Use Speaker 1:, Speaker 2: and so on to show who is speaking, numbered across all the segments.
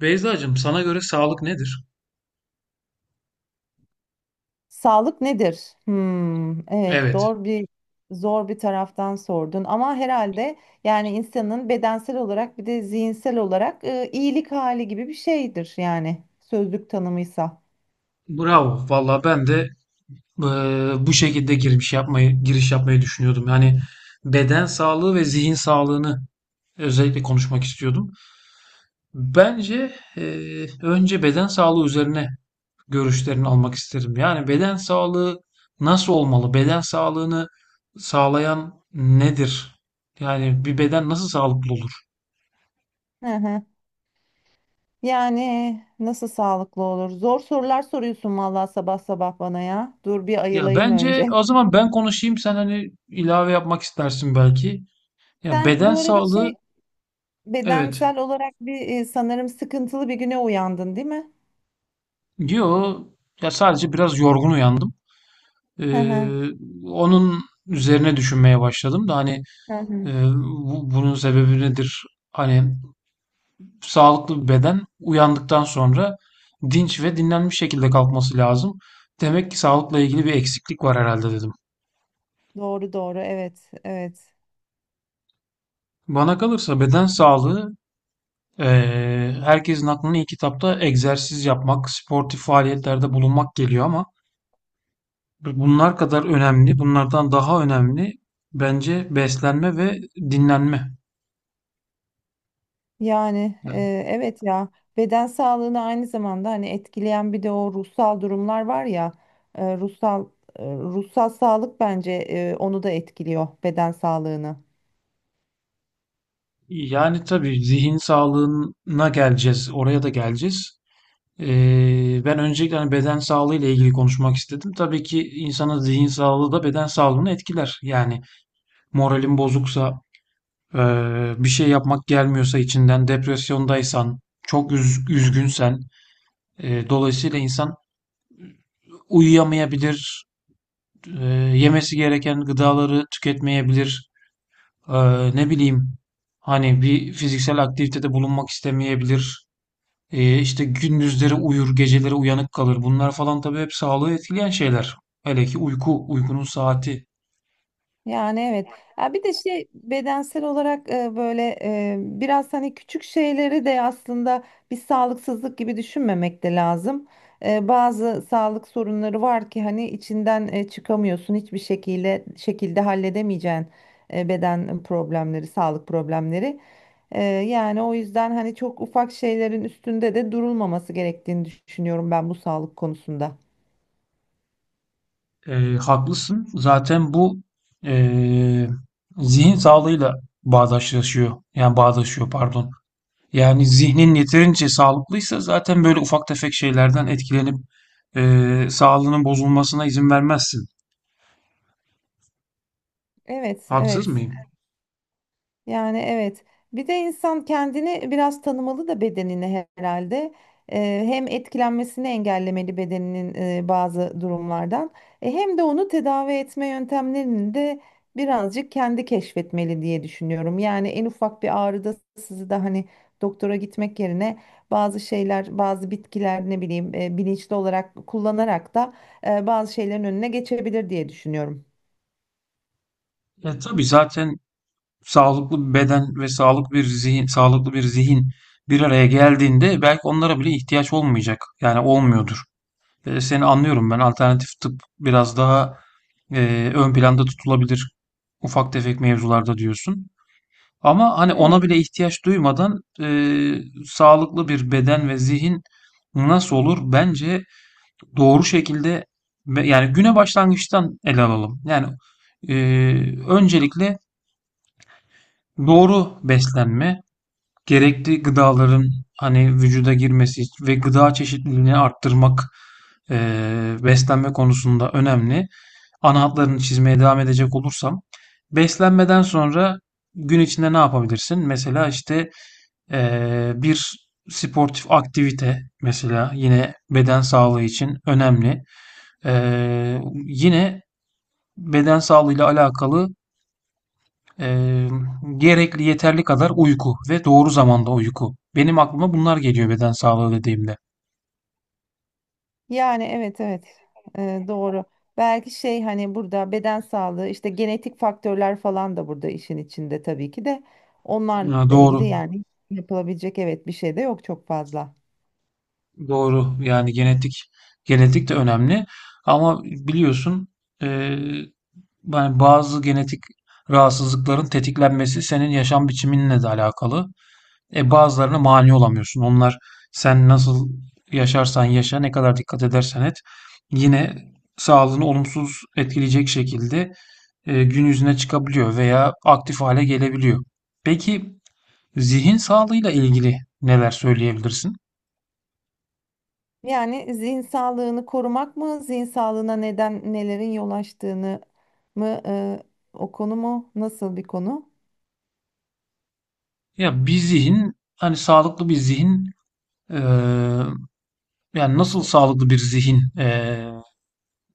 Speaker 1: Beyzacığım, sana göre sağlık nedir?
Speaker 2: Sağlık nedir? Hmm, evet,
Speaker 1: Evet.
Speaker 2: zor bir zor bir taraftan sordun ama herhalde yani insanın bedensel olarak bir de zihinsel olarak iyilik hali gibi bir şeydir, yani sözlük tanımıysa.
Speaker 1: Bravo. Valla ben de bu şekilde giriş yapmayı düşünüyordum. Yani beden sağlığı ve zihin sağlığını özellikle konuşmak istiyordum. Bence önce beden sağlığı üzerine görüşlerini almak isterim. Yani beden sağlığı nasıl olmalı? Beden sağlığını sağlayan nedir? Yani bir beden nasıl sağlıklı olur?
Speaker 2: Hı hı. Yani nasıl sağlıklı olur? Zor sorular soruyorsun vallahi sabah sabah bana ya. Dur bir
Speaker 1: Ya
Speaker 2: ayılayım
Speaker 1: bence
Speaker 2: önce.
Speaker 1: o zaman ben konuşayım, sen hani ilave yapmak istersin belki. Ya
Speaker 2: Sen
Speaker 1: beden
Speaker 2: bu arada
Speaker 1: sağlığı, evet.
Speaker 2: bedensel olarak bir sanırım sıkıntılı bir güne uyandın, değil mi?
Speaker 1: Yo, ya sadece biraz yorgun uyandım.
Speaker 2: Hı hı.
Speaker 1: Ee, Onun üzerine düşünmeye başladım da hani
Speaker 2: Hı hı.
Speaker 1: e, bunun sebebi nedir? Hani sağlıklı bir beden uyandıktan sonra dinç ve dinlenmiş şekilde kalkması lazım. Demek ki sağlıkla ilgili bir eksiklik var herhalde, dedim.
Speaker 2: Doğru doğru, evet evet.
Speaker 1: Bana kalırsa beden sağlığı, e, herkesin aklına ilk kitapta egzersiz yapmak, sportif faaliyetlerde bulunmak geliyor. Ama bunlar kadar önemli, bunlardan daha önemli bence beslenme ve dinlenme.
Speaker 2: Yani
Speaker 1: Yani,
Speaker 2: evet ya, beden sağlığını aynı zamanda hani etkileyen bir de o ruhsal durumlar var ya, e, ruhsal ruhsal sağlık bence onu da etkiliyor, beden sağlığını.
Speaker 1: yani tabii zihin sağlığına geleceğiz, oraya da geleceğiz. Ben öncelikle hani beden sağlığı ile ilgili konuşmak istedim. Tabii ki insanın zihin sağlığı da beden sağlığını etkiler. Yani moralin bozuksa, bir şey yapmak gelmiyorsa içinden, depresyondaysan, çok üzgünsen, dolayısıyla insan uyuyamayabilir, e, yemesi gereken gıdaları tüketmeyebilir. E, Ne bileyim, hani bir fiziksel aktivitede bulunmak istemeyebilir. İşte gündüzleri uyur, geceleri uyanık kalır. Bunlar falan tabii hep sağlığı etkileyen şeyler. Hele ki uyku, uykunun saati.
Speaker 2: Yani evet. Ya bir de bedensel olarak böyle biraz hani küçük şeyleri de aslında bir sağlıksızlık gibi düşünmemek de lazım. Bazı sağlık sorunları var ki hani içinden çıkamıyorsun, hiçbir şekilde halledemeyeceğin beden problemleri, sağlık problemleri. Yani o yüzden hani çok ufak şeylerin üstünde de durulmaması gerektiğini düşünüyorum ben bu sağlık konusunda.
Speaker 1: Haklısın. Zaten bu e, zihin sağlığıyla bağdaşlaşıyor. Yani bağdaşıyor, pardon. Yani zihnin yeterince sağlıklıysa zaten böyle ufak tefek şeylerden etkilenip sağlığının bozulmasına izin vermezsin.
Speaker 2: Evet,
Speaker 1: Haksız
Speaker 2: evet.
Speaker 1: mıyım?
Speaker 2: Yani evet. Bir de insan kendini biraz tanımalı da bedenini herhalde. Hem etkilenmesini engellemeli bedeninin bazı durumlardan. Hem de onu tedavi etme yöntemlerini de birazcık kendi keşfetmeli diye düşünüyorum. Yani en ufak bir ağrıda sizi de hani doktora gitmek yerine bazı şeyler, bazı bitkiler ne bileyim bilinçli olarak kullanarak da bazı şeylerin önüne geçebilir diye düşünüyorum.
Speaker 1: Ya tabii zaten sağlıklı bir beden ve sağlıklı bir zihin, sağlıklı bir zihin bir araya geldiğinde belki onlara bile ihtiyaç olmayacak. Yani olmuyordur. Seni anlıyorum ben. Alternatif tıp biraz daha ön planda tutulabilir ufak tefek mevzularda, diyorsun. Ama hani ona
Speaker 2: Evet.
Speaker 1: bile ihtiyaç duymadan sağlıklı bir beden ve zihin nasıl olur? Bence doğru şekilde, yani güne başlangıçtan ele alalım. Yani öncelikle doğru beslenme, gerekli gıdaların hani vücuda girmesi ve gıda çeşitliliğini arttırmak beslenme konusunda önemli. Ana hatlarını çizmeye devam edecek olursam, beslenmeden sonra gün içinde ne yapabilirsin? Mesela işte bir sportif aktivite mesela yine beden sağlığı için önemli. Yine beden sağlığıyla alakalı e, gerekli yeterli kadar uyku ve doğru zamanda uyku. Benim aklıma bunlar geliyor beden sağlığı dediğimde.
Speaker 2: Yani evet evet doğru. Belki hani burada beden sağlığı işte genetik faktörler falan da burada işin içinde, tabii ki de onlarla
Speaker 1: Ha,
Speaker 2: ilgili
Speaker 1: doğru,
Speaker 2: yani yapılabilecek, evet, bir şey de yok çok fazla.
Speaker 1: doğru. Yani genetik, genetik de önemli. Ama biliyorsun e, yani bazı genetik rahatsızlıkların tetiklenmesi senin yaşam biçiminle de alakalı. E, bazılarına mani olamıyorsun. Onlar sen nasıl yaşarsan yaşa, ne kadar dikkat edersen et, yine sağlığını olumsuz etkileyecek şekilde gün yüzüne çıkabiliyor veya aktif hale gelebiliyor. Peki zihin sağlığıyla ilgili neler söyleyebilirsin?
Speaker 2: Yani zihin sağlığını korumak mı, zihin sağlığına neden nelerin yol açtığını mı o konu mu? Nasıl bir konu?
Speaker 1: Ya bir zihin, hani sağlıklı bir zihin, e, yani nasıl
Speaker 2: Nasıl?
Speaker 1: sağlıklı bir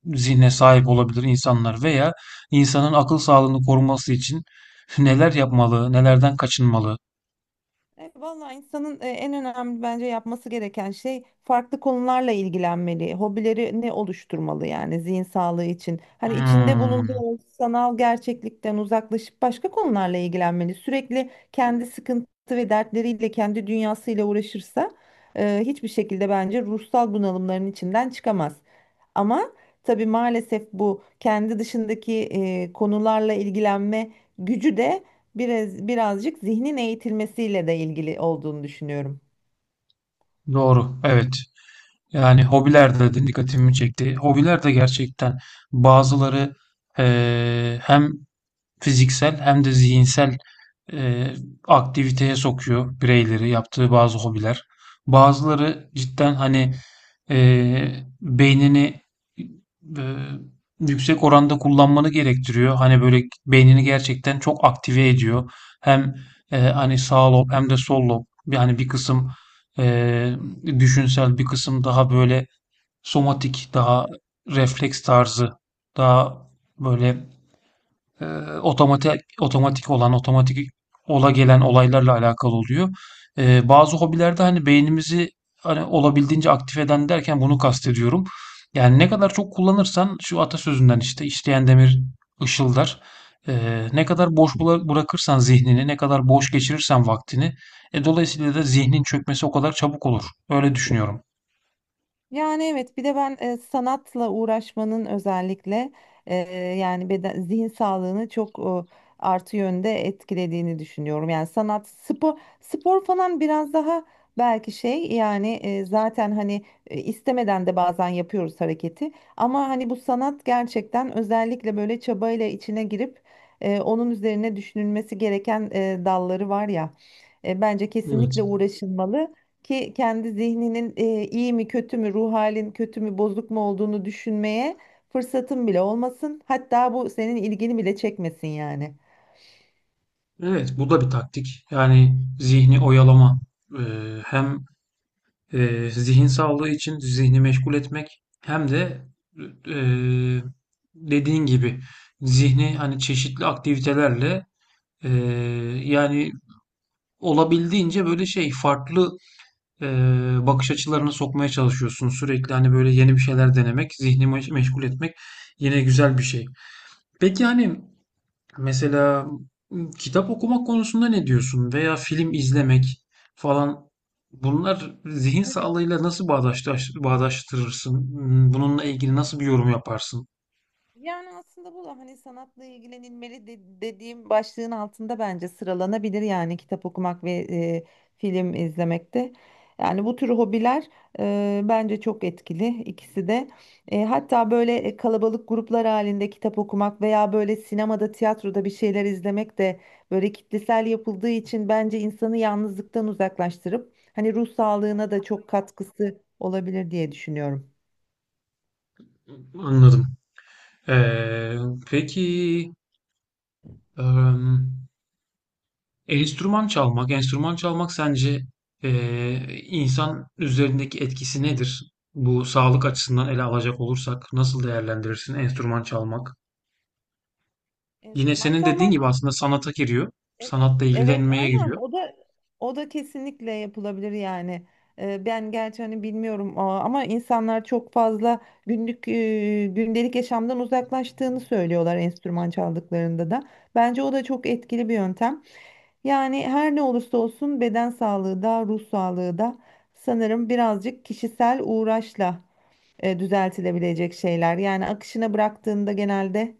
Speaker 1: zihne sahip olabilir insanlar veya insanın akıl sağlığını koruması için neler yapmalı, nelerden kaçınmalı?
Speaker 2: Evet, vallahi insanın en önemli bence yapması gereken şey, farklı konularla ilgilenmeli. Hobilerini oluşturmalı, yani zihin sağlığı için. Hani içinde
Speaker 1: Hmm,
Speaker 2: bulunduğu sanal gerçeklikten uzaklaşıp başka konularla ilgilenmeli. Sürekli kendi sıkıntı ve dertleriyle, kendi dünyasıyla uğraşırsa hiçbir şekilde bence ruhsal bunalımların içinden çıkamaz. Ama tabii maalesef bu kendi dışındaki konularla ilgilenme gücü de birazcık zihnin eğitilmesiyle de ilgili olduğunu düşünüyorum.
Speaker 1: doğru, evet. Yani hobiler de dikkatimi çekti. Hobiler de gerçekten, bazıları hem fiziksel hem de zihinsel e, aktiviteye sokuyor bireyleri, yaptığı bazı hobiler. Bazıları cidden hani e, beynini e, yüksek oranda kullanmanı gerektiriyor. Hani böyle beynini gerçekten çok aktive ediyor. Hem hani sağ lob hem de sol lob, yani bir kısım e, düşünsel, bir kısım daha böyle somatik, daha refleks tarzı, daha böyle e, otomatik ola gelen olaylarla alakalı oluyor. Bazı hobilerde hani beynimizi hani olabildiğince aktif eden derken bunu kastediyorum. Yani ne kadar çok kullanırsan, şu atasözünden işte, işleyen demir ışıldar. Ne kadar boş bırakırsan zihnini, ne kadar boş geçirirsen vaktini, dolayısıyla da zihnin çökmesi o kadar çabuk olur. Öyle düşünüyorum.
Speaker 2: Yani evet, bir de ben sanatla uğraşmanın özellikle e, yani beden zihin sağlığını çok artı yönde etkilediğini düşünüyorum. Yani sanat, spor falan biraz daha belki yani zaten hani istemeden de bazen yapıyoruz hareketi, ama hani bu sanat gerçekten özellikle böyle çabayla içine girip onun üzerine düşünülmesi gereken dalları var ya. Bence
Speaker 1: Evet.
Speaker 2: kesinlikle uğraşılmalı ki kendi zihninin iyi mi kötü mü, ruh halin kötü mü, bozuk mu olduğunu düşünmeye fırsatın bile olmasın. Hatta bu senin ilgini bile çekmesin yani.
Speaker 1: Evet, bu da bir taktik. Yani zihni oyalama. Hem zihin sağlığı için zihni meşgul etmek, hem de e, dediğin gibi zihni hani çeşitli aktivitelerle, e, yani olabildiğince böyle şey, farklı e, bakış açılarına sokmaya çalışıyorsun. Sürekli hani böyle yeni bir şeyler denemek, zihni meşgul etmek yine güzel bir şey. Peki hani, mesela, kitap okumak konusunda ne diyorsun? Veya film izlemek falan. Bunlar zihin
Speaker 2: Evet.
Speaker 1: sağlığıyla nasıl bağdaştırırsın? Bununla ilgili nasıl bir yorum yaparsın?
Speaker 2: Yani aslında bu da hani dediğim başlığın altında bence sıralanabilir, yani kitap okumak ve film izlemek de. Yani bu tür hobiler bence çok etkili ikisi de. Hatta böyle kalabalık gruplar halinde kitap okumak veya böyle sinemada, tiyatroda bir şeyler izlemek de böyle kitlesel yapıldığı için bence insanı yalnızlıktan uzaklaştırıp hani ruh sağlığına da çok katkısı olabilir diye düşünüyorum.
Speaker 1: Anladım. Ee, peki em, enstrüman çalmak sence e, insan üzerindeki etkisi nedir? Bu sağlık açısından ele alacak olursak nasıl değerlendirirsin enstrüman çalmak? Yine
Speaker 2: Enstrüman
Speaker 1: senin dediğin
Speaker 2: çalmak.
Speaker 1: gibi aslında sanata giriyor.
Speaker 2: Evet,
Speaker 1: Sanatla
Speaker 2: evet,
Speaker 1: ilgilenmeye
Speaker 2: aynen,
Speaker 1: giriyor.
Speaker 2: o da kesinlikle yapılabilir yani. Ben gerçi hani bilmiyorum ama insanlar çok fazla günlük gündelik yaşamdan uzaklaştığını söylüyorlar enstrüman çaldıklarında da. Bence o da çok etkili bir yöntem. Yani her ne olursa olsun beden sağlığı da ruh sağlığı da sanırım birazcık kişisel uğraşla düzeltilebilecek şeyler. Yani akışına bıraktığında genelde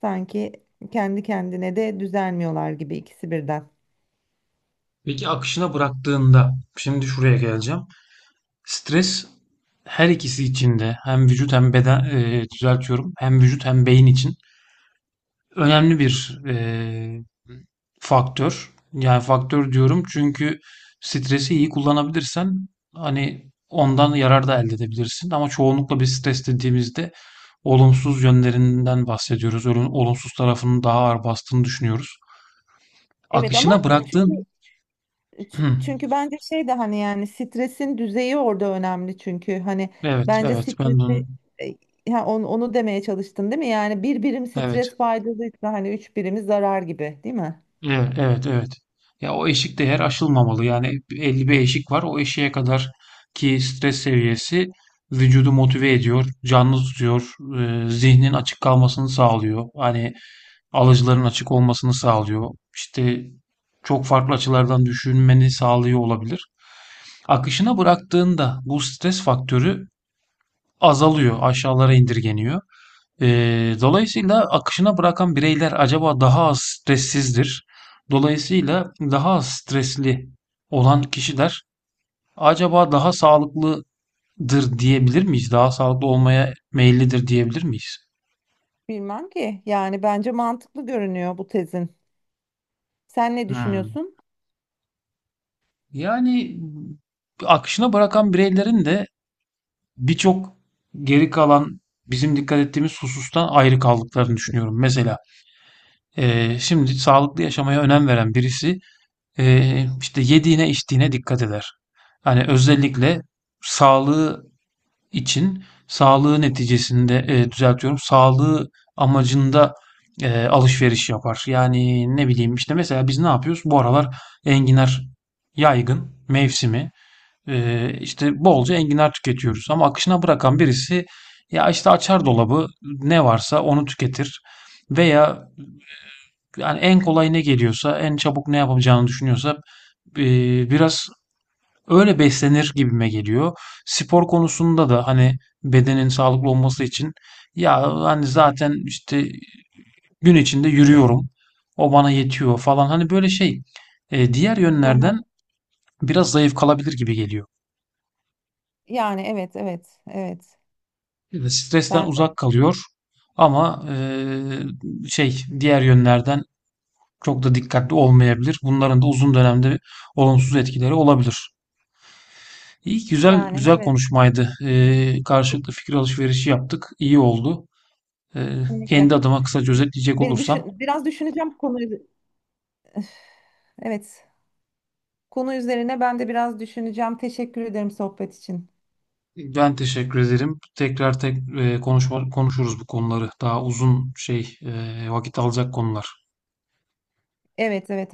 Speaker 2: sanki kendi kendine de düzelmiyorlar gibi ikisi birden.
Speaker 1: Peki akışına bıraktığında, şimdi şuraya geleceğim. Stres her ikisi için de, hem vücut hem beden, düzeltiyorum, hem vücut hem beyin için önemli bir faktör. Yani faktör diyorum çünkü stresi iyi kullanabilirsen hani ondan yarar da elde edebilirsin. Ama çoğunlukla bir stres dediğimizde olumsuz yönlerinden bahsediyoruz. Olumsuz tarafının daha ağır bastığını düşünüyoruz.
Speaker 2: Evet ama
Speaker 1: Akışına
Speaker 2: çünkü
Speaker 1: bıraktığın... Hı,
Speaker 2: çünkü bence şey de hani yani stresin düzeyi orada önemli çünkü hani
Speaker 1: evet,
Speaker 2: bence
Speaker 1: evet ben de
Speaker 2: stresi
Speaker 1: onu...
Speaker 2: ha, onu demeye çalıştın değil mi? Yani bir birim
Speaker 1: Evet.
Speaker 2: stres faydalıysa hani üç birimi zarar gibi, değil mi?
Speaker 1: Evet, evet, evet. Ya o eşik değer aşılmamalı. Yani belli bir eşik var. O eşiğe kadar ki stres seviyesi vücudu motive ediyor, canlı tutuyor, zihnin açık kalmasını sağlıyor. Hani alıcıların açık olmasını sağlıyor. İşte çok farklı açılardan düşünmeni sağlıyor olabilir. Akışına bıraktığında bu stres faktörü azalıyor, aşağılara indirgeniyor. Dolayısıyla akışına bırakan bireyler acaba daha az stressizdir. Dolayısıyla daha az stresli olan kişiler acaba daha sağlıklıdır diyebilir miyiz? Daha sağlıklı olmaya meyillidir diyebilir miyiz?
Speaker 2: Bilmem ki, yani bence mantıklı görünüyor bu tezin. Sen ne
Speaker 1: Hmm.
Speaker 2: düşünüyorsun?
Speaker 1: Yani akışına bırakan bireylerin de birçok geri kalan bizim dikkat ettiğimiz husustan ayrı kaldıklarını düşünüyorum. Mesela şimdi sağlıklı yaşamaya önem veren birisi işte yediğine içtiğine dikkat eder. Hani özellikle sağlığı için, sağlığı neticesinde, düzeltiyorum. Sağlığı amacında alışveriş yapar. Yani ne bileyim, işte mesela biz ne yapıyoruz? Bu aralar enginar yaygın mevsimi. İşte bolca enginar tüketiyoruz. Ama akışına bırakan birisi, ya işte açar dolabı, ne varsa onu tüketir. Veya yani en kolay ne geliyorsa, en çabuk ne yapacağını düşünüyorsa, biraz öyle beslenir gibime geliyor. Spor konusunda da hani bedenin sağlıklı olması için, ya hani zaten işte gün içinde yürüyorum, o bana yetiyor falan. Hani böyle şey diğer
Speaker 2: Hı hı.
Speaker 1: yönlerden biraz zayıf kalabilir gibi geliyor.
Speaker 2: Yani evet evet evet,
Speaker 1: Evet. Stresten
Speaker 2: ben
Speaker 1: uzak
Speaker 2: de
Speaker 1: kalıyor ama şey, diğer yönlerden çok da dikkatli olmayabilir. Bunların da uzun dönemde olumsuz etkileri olabilir. İyi, güzel
Speaker 2: yani
Speaker 1: güzel
Speaker 2: evet,
Speaker 1: konuşmaydı. Karşılıklı fikir alışverişi yaptık. İyi oldu. Ee,
Speaker 2: kesinlikle.
Speaker 1: Kendi adıma kısaca özetleyecek
Speaker 2: Beni
Speaker 1: olursam,
Speaker 2: düşün, biraz düşüneceğim konu. Evet, konu üzerine ben de biraz düşüneceğim. Teşekkür ederim sohbet için.
Speaker 1: ben teşekkür ederim. Tekrar konuşuruz bu konuları. Daha uzun şey, vakit alacak konular.
Speaker 2: Evet, evet.